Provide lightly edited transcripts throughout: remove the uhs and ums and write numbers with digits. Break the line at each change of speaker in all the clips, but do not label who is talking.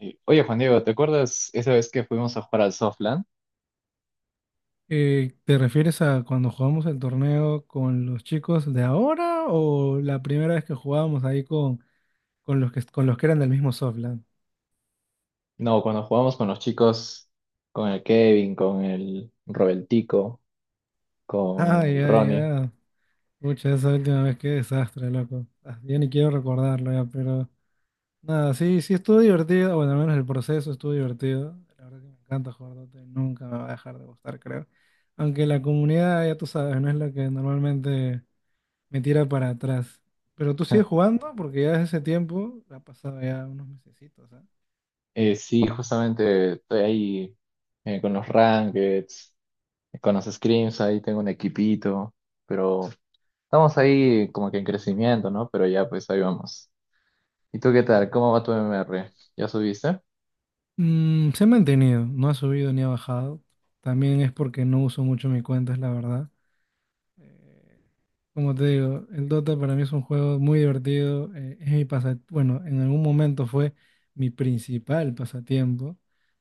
Oye, Juan Diego, ¿te acuerdas esa vez que fuimos a jugar al Softland?
¿Te refieres a cuando jugamos el torneo con los chicos de ahora o la primera vez que jugábamos ahí con los que eran del mismo Softland?
No, cuando jugamos con los chicos, con el Kevin, con el Robertico, con
Ay,
el
ay,
Ronnie.
ay. Pucha, esa última vez, qué desastre, loco. Ya ni quiero recordarlo ya, pero nada, sí, sí estuvo divertido. Bueno, al menos el proceso estuvo divertido. La verdad que me encanta jugar Dota y nunca me va a dejar de gustar, creo. Aunque la comunidad, ya tú sabes, no es la que normalmente me tira para atrás. Pero tú sigues jugando porque ya desde ese tiempo ha pasado ya unos mesecitos, ¿ah?
Sí, justamente estoy ahí con los Rankeds, con los Scrims, ahí tengo un equipito, pero estamos ahí como que en crecimiento, ¿no? Pero ya, pues ahí vamos. ¿Y tú qué tal? ¿Cómo va tu MMR? ¿Ya subiste?
Mm, se ha mantenido, no ha subido ni ha bajado. También es porque no uso mucho mi cuenta, es la verdad. Eh, Como te digo, el Dota para mí es un juego muy divertido. Bueno, en algún momento fue mi principal pasatiempo.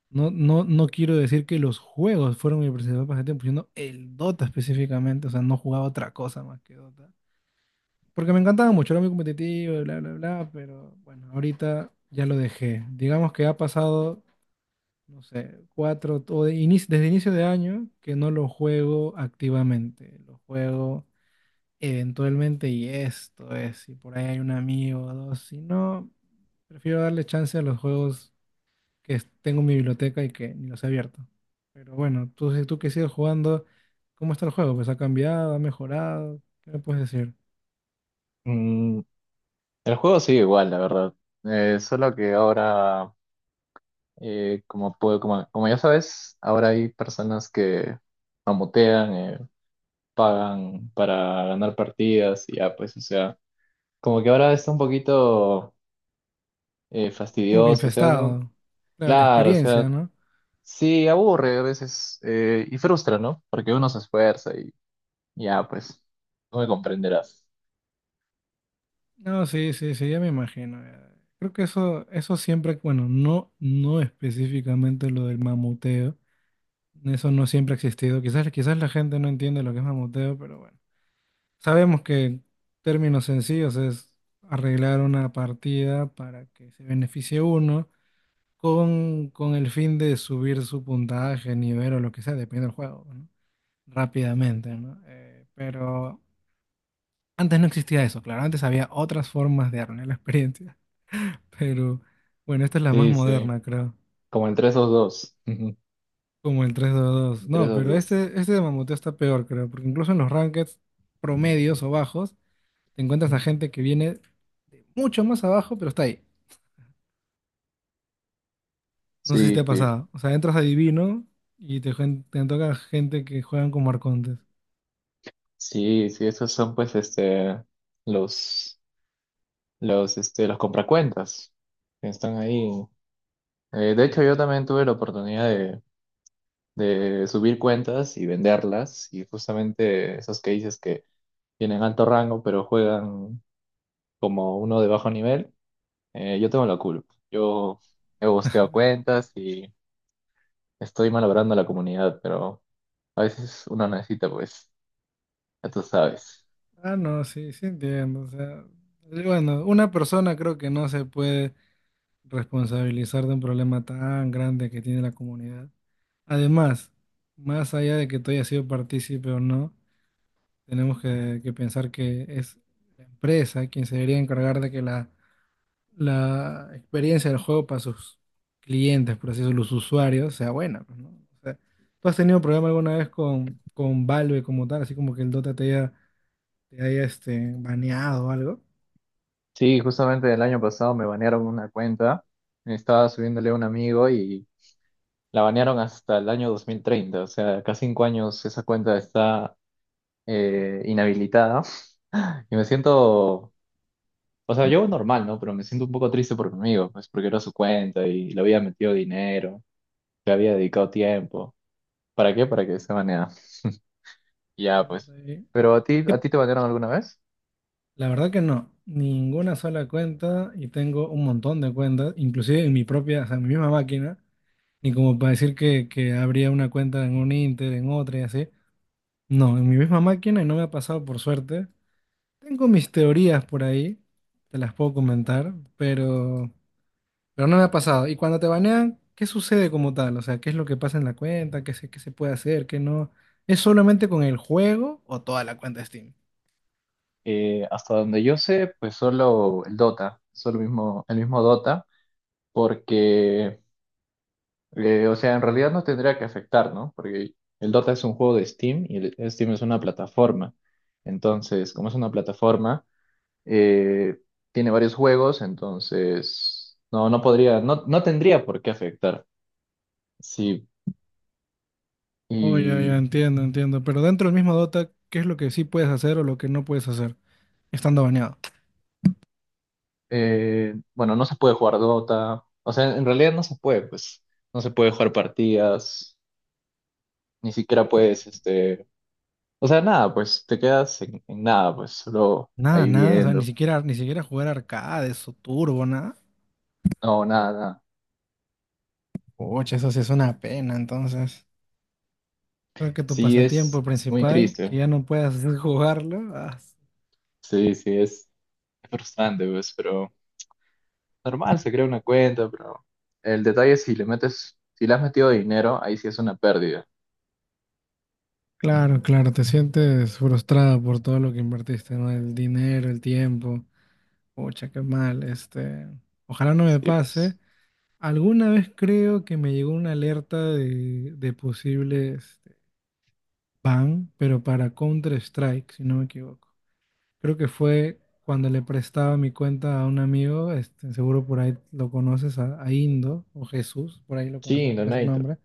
No quiero decir que los juegos fueron mi principal pasatiempo, sino el Dota específicamente. O sea, no jugaba otra cosa más que Dota. Porque me encantaba mucho, era muy competitivo, y bla, bla, bla, pero bueno, ahorita ya lo dejé. Digamos que ha pasado, no sé, cuatro, desde inicio de año que no lo juego activamente, lo juego eventualmente y esto es, si por ahí hay un amigo o dos, si no, prefiero darle chance a los juegos tengo en mi biblioteca y que ni los he abierto. Pero bueno, si tú que sigues jugando, ¿cómo está el juego? Pues ha cambiado, ha mejorado, ¿qué me puedes decir?
Mm, el juego sigue igual, la verdad. Solo que ahora como ya sabes, ahora hay personas que mamotean, pagan para ganar partidas y ya, pues, o sea, como que ahora está un poquito
Como que
fastidioso, o sea, no,
infestado. Claro, la
claro, o
experiencia,
sea,
¿no?
sí, aburre a veces y frustra, ¿no? Porque uno se esfuerza y ya, pues, no me comprenderás.
No, sí, sí, sí, ya me imagino, ya. Creo que eso siempre, bueno, no, no específicamente lo del mamuteo. Eso no siempre ha existido. Quizás, quizás la gente no entiende lo que es mamuteo, pero bueno. Sabemos que términos sencillos es arreglar una partida para que se beneficie uno con el fin de subir su puntaje, nivel o lo que sea, depende del juego, ¿no? Rápidamente, ¿no? Pero antes no existía eso, claro, antes había otras formas de arruinar la experiencia, pero bueno, esta es la más
Sí, sí,
moderna, creo,
como entre esos dos,
como el tres dos dos.
entre
No,
esos
pero
dos.
este de mamuteo está peor, creo, porque incluso en los rankings promedios o bajos, te encuentras a gente que viene mucho más abajo, pero está ahí. No sé si
Sí,
te ha
sí,
pasado. O sea, entras a Divino y te toca gente que juegan como arcontes.
sí, sí, esos son pues los... los, los compracuentas que están ahí. De hecho, yo también tuve la oportunidad de subir cuentas y venderlas, y justamente esos que dices que tienen alto rango, pero juegan como uno de bajo nivel, yo tengo la culpa. Yo he bosteado cuentas y estoy malogrando a la comunidad, pero uno necesita, pues, ya tú sabes.
Ah, no, sí, sí entiendo. O sea, bueno, una persona creo que no se puede responsabilizar de un problema tan grande que tiene la comunidad. Además, más allá de que tú hayas sido partícipe o no, tenemos que pensar que es la empresa quien se debería encargar de que la experiencia del juego para sus clientes, por así decirlo, los usuarios, sea buena, pues, ¿no? O sea, ¿tú has tenido problema alguna vez con Valve como tal, así como que el Dota te haya este, baneado o algo?
Sí, justamente el año pasado me banearon una cuenta, estaba subiéndole a un amigo y la banearon hasta el año 2030. O sea, cada 5 años esa cuenta está inhabilitada. Y me siento, o sea, yo normal, ¿no? Pero me siento un poco triste por mi amigo, pues porque era su cuenta y le había metido dinero, le había dedicado tiempo. ¿Para qué? Para que se baneara. Y ya,
Pero, de
pues.
ahí,
¿Pero
¿y
a
qué,
ti te banearon alguna vez?
la verdad que no, ninguna sola cuenta y tengo un montón de cuentas, inclusive en mi propia, o sea, en mi misma máquina, ni como para decir que habría una cuenta en un Inter, en otra y así. No, en mi misma máquina y no me ha pasado por suerte. Tengo mis teorías por ahí, te las puedo comentar, pero no me ha pasado. Y cuando te banean, ¿qué sucede como tal? O sea, ¿qué es lo que pasa en la cuenta? ¿Qué se puede hacer? ¿Qué no? ¿Es solamente con el juego o toda la cuenta de Steam?
Hasta donde yo sé, pues solo el Dota, solo el mismo Dota, porque o sea, en realidad no tendría que afectar, ¿no? Porque el Dota es un juego de Steam y el Steam es una plataforma. Entonces, como es una plataforma, eh, tiene varios juegos, entonces no, no podría, no, no tendría por qué afectar. Sí,
Oh, ya, ya,
y
entiendo, entiendo. Pero dentro del mismo Dota, ¿qué es lo que sí puedes hacer o lo que no puedes hacer estando baneado?
bueno, no se puede jugar Dota. O sea, en realidad no se puede, pues, no se puede jugar partidas, ni siquiera puedes, o sea, nada, pues te quedas en nada, pues, solo
Nada,
ahí
nada, o sea, ni
viendo.
siquiera, ni siquiera jugar arcades o turbo, nada.
No, nada, nada.
Oye, eso sí es una pena, entonces. Creo que tu
Sí,
pasatiempo
es muy
principal, que
triste.
ya no puedas hacer jugarlo.
Sí, sí, es frustrante, pues, pero normal, se crea una cuenta, pero el detalle es si le metes, si le has metido dinero, ahí sí es una pérdida.
Claro, claro, te sientes frustrado por todo lo que invertiste, ¿no? El dinero, el tiempo. Pucha, qué mal, este. Ojalá no me
Sí,
pase.
pues.
Alguna vez creo que me llegó una alerta de posibles ban, pero para Counter-Strike, si no me equivoco. Creo que fue cuando le prestaba mi cuenta a un amigo, este, seguro por ahí lo conoces, a Indo o Jesús, por ahí lo
Sí,
conoces con ese
Donato.
nombre.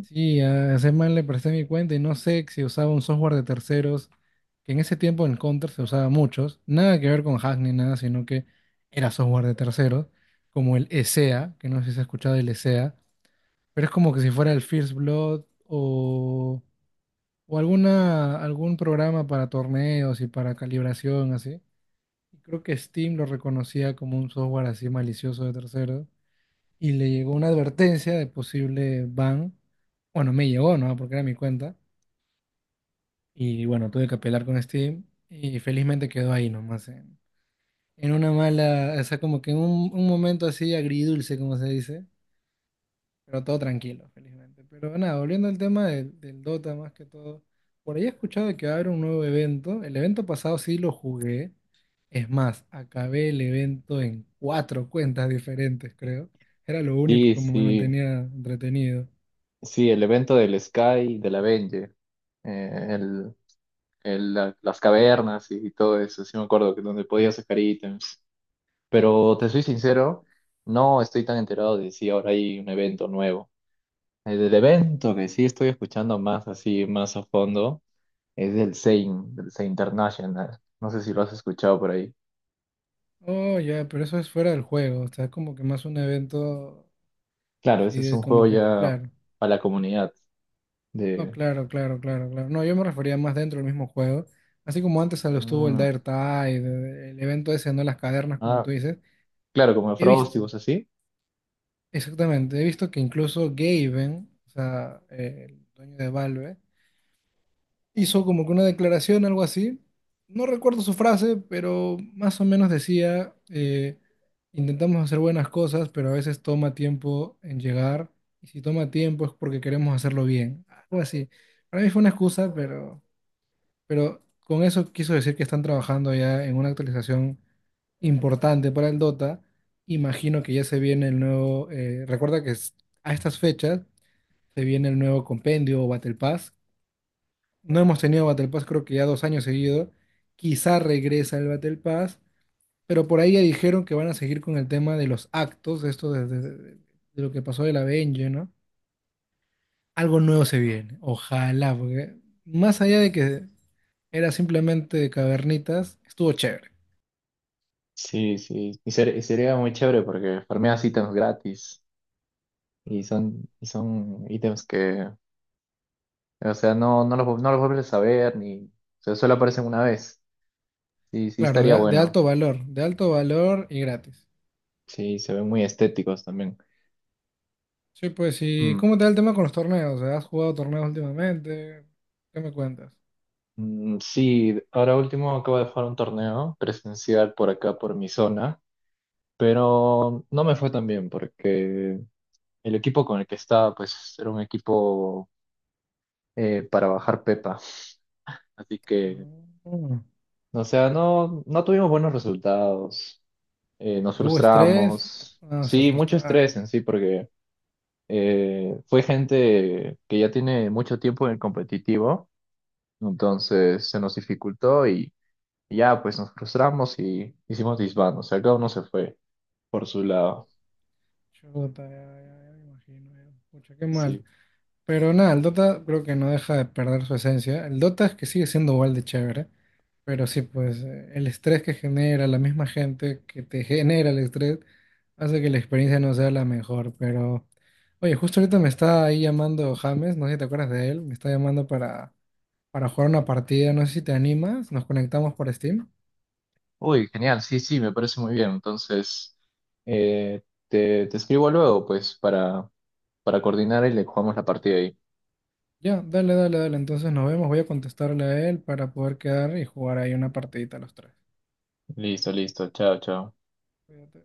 Sí, a ese man le presté mi cuenta y no sé si usaba un software de terceros, que en ese tiempo en Counter se usaba muchos, nada que ver con hack ni nada, sino que era software de terceros, como el ESEA, que no sé si has escuchado el ESEA, pero es como que si fuera el First Blood o o algún programa para torneos y para calibración, así. Y creo que Steam lo reconocía como un software así malicioso de terceros y le llegó una advertencia de posible ban. Bueno, me llegó, ¿no? Porque era mi cuenta. Y bueno, tuve que apelar con Steam y felizmente quedó ahí nomás, en una mala, o sea, como que en un momento así agridulce, como se dice, pero todo tranquilo, felizmente. Pero nada, volviendo al tema del Dota más que todo. Por ahí he escuchado de que va a haber un nuevo evento. El evento pasado sí lo jugué. Es más, acabé el evento en cuatro cuentas diferentes, creo. Era lo único
Sí,
como me
sí,
mantenía entretenido.
sí, el evento del Sky, de la Venge, eh, el, las cavernas y todo eso, sí me acuerdo que donde podías sacar ítems. Pero te soy sincero, no estoy tan enterado de si ahora hay un evento nuevo. El del evento que sí estoy escuchando más así, más a fondo, es del Zain International. No sé si lo has escuchado por ahí.
Oh, ya, pero eso es fuera del juego. O sea, es como que más un evento
Claro,
así
ese es
de
un juego
como que,
ya
claro.
para la comunidad
Oh,
de...
claro, claro, claro, claro. No, yo me refería más dentro del mismo juego. Así como antes se lo estuvo el
Mm,
Dire Tide, el evento ese, ¿no? Las cavernas, como
ah,
tú dices.
claro, como
He
Frosty y
visto,
cosas así.
exactamente, he visto que incluso Gaben, o sea, el dueño de Valve, hizo como que una declaración, algo así. No recuerdo su frase, pero más o menos decía, intentamos hacer buenas cosas, pero a veces toma tiempo en llegar, y si toma tiempo es porque queremos hacerlo bien, algo así. Para mí fue una excusa, pero... Pero con eso quiso decir que están trabajando ya en una actualización importante para el Dota. Imagino que ya se viene el nuevo. A estas fechas se viene el nuevo compendio o Battle Pass. No hemos tenido Battle Pass, creo que ya dos años seguidos. Quizá regresa el Battle Pass, pero por ahí ya dijeron que van a seguir con el tema de los actos, esto de lo que pasó de la Benji, ¿no? Algo nuevo se viene, ojalá, porque más allá de que era simplemente cavernitas, estuvo chévere.
Sí, sí. Y sería muy chévere porque farmeas ítems gratis y son ítems que, o sea, no, no los vuelves a ver ni... O sea, solo aparecen una vez. Sí, sí
Claro,
estaría
de
bueno.
alto valor, de alto valor y gratis.
Sí, se ven muy estéticos también.
Sí, pues, ¿y
Mm.
cómo te va el tema con los torneos? ¿Has jugado torneos últimamente? ¿Qué me cuentas?
Mm, sí, ahora último acabo de jugar un torneo presencial por acá, por mi zona, pero no me fue tan bien porque el equipo con el que estaba, pues era un equipo para bajar Pepa. Así que,
Ah,
o sea, no, no tuvimos buenos resultados, nos
pero hubo estrés,
frustramos.
ah, se
Sí, mucho
frustraron.
estrés en sí, porque fue gente que ya tiene mucho tiempo en el competitivo, entonces se nos dificultó. Y ya, pues nos frustramos y hicimos disband, o sea, cada uno se fue por su lado.
Chuta, ya, ya, ya me imagino, ya. Pucha, qué mal.
Sí.
Pero nada, el Dota creo que no deja de perder su esencia. El Dota es que sigue siendo igual de chévere, pero sí, pues el estrés que genera la misma gente que te genera el estrés hace que la experiencia no sea la mejor. Pero, oye, justo ahorita me está ahí llamando James, no sé si te acuerdas de él, me está llamando para jugar una partida, no sé si te animas, nos conectamos por Steam.
Uy, genial, sí, sí, me parece muy bien. Entonces, eh, te escribo luego, pues, para coordinar y le jugamos la partida ahí.
Ya, dale, dale, dale, entonces nos vemos, voy a contestarle a él para poder quedar y jugar ahí una partidita los tres.
Listo, listo, chao, chao.
Cuídate.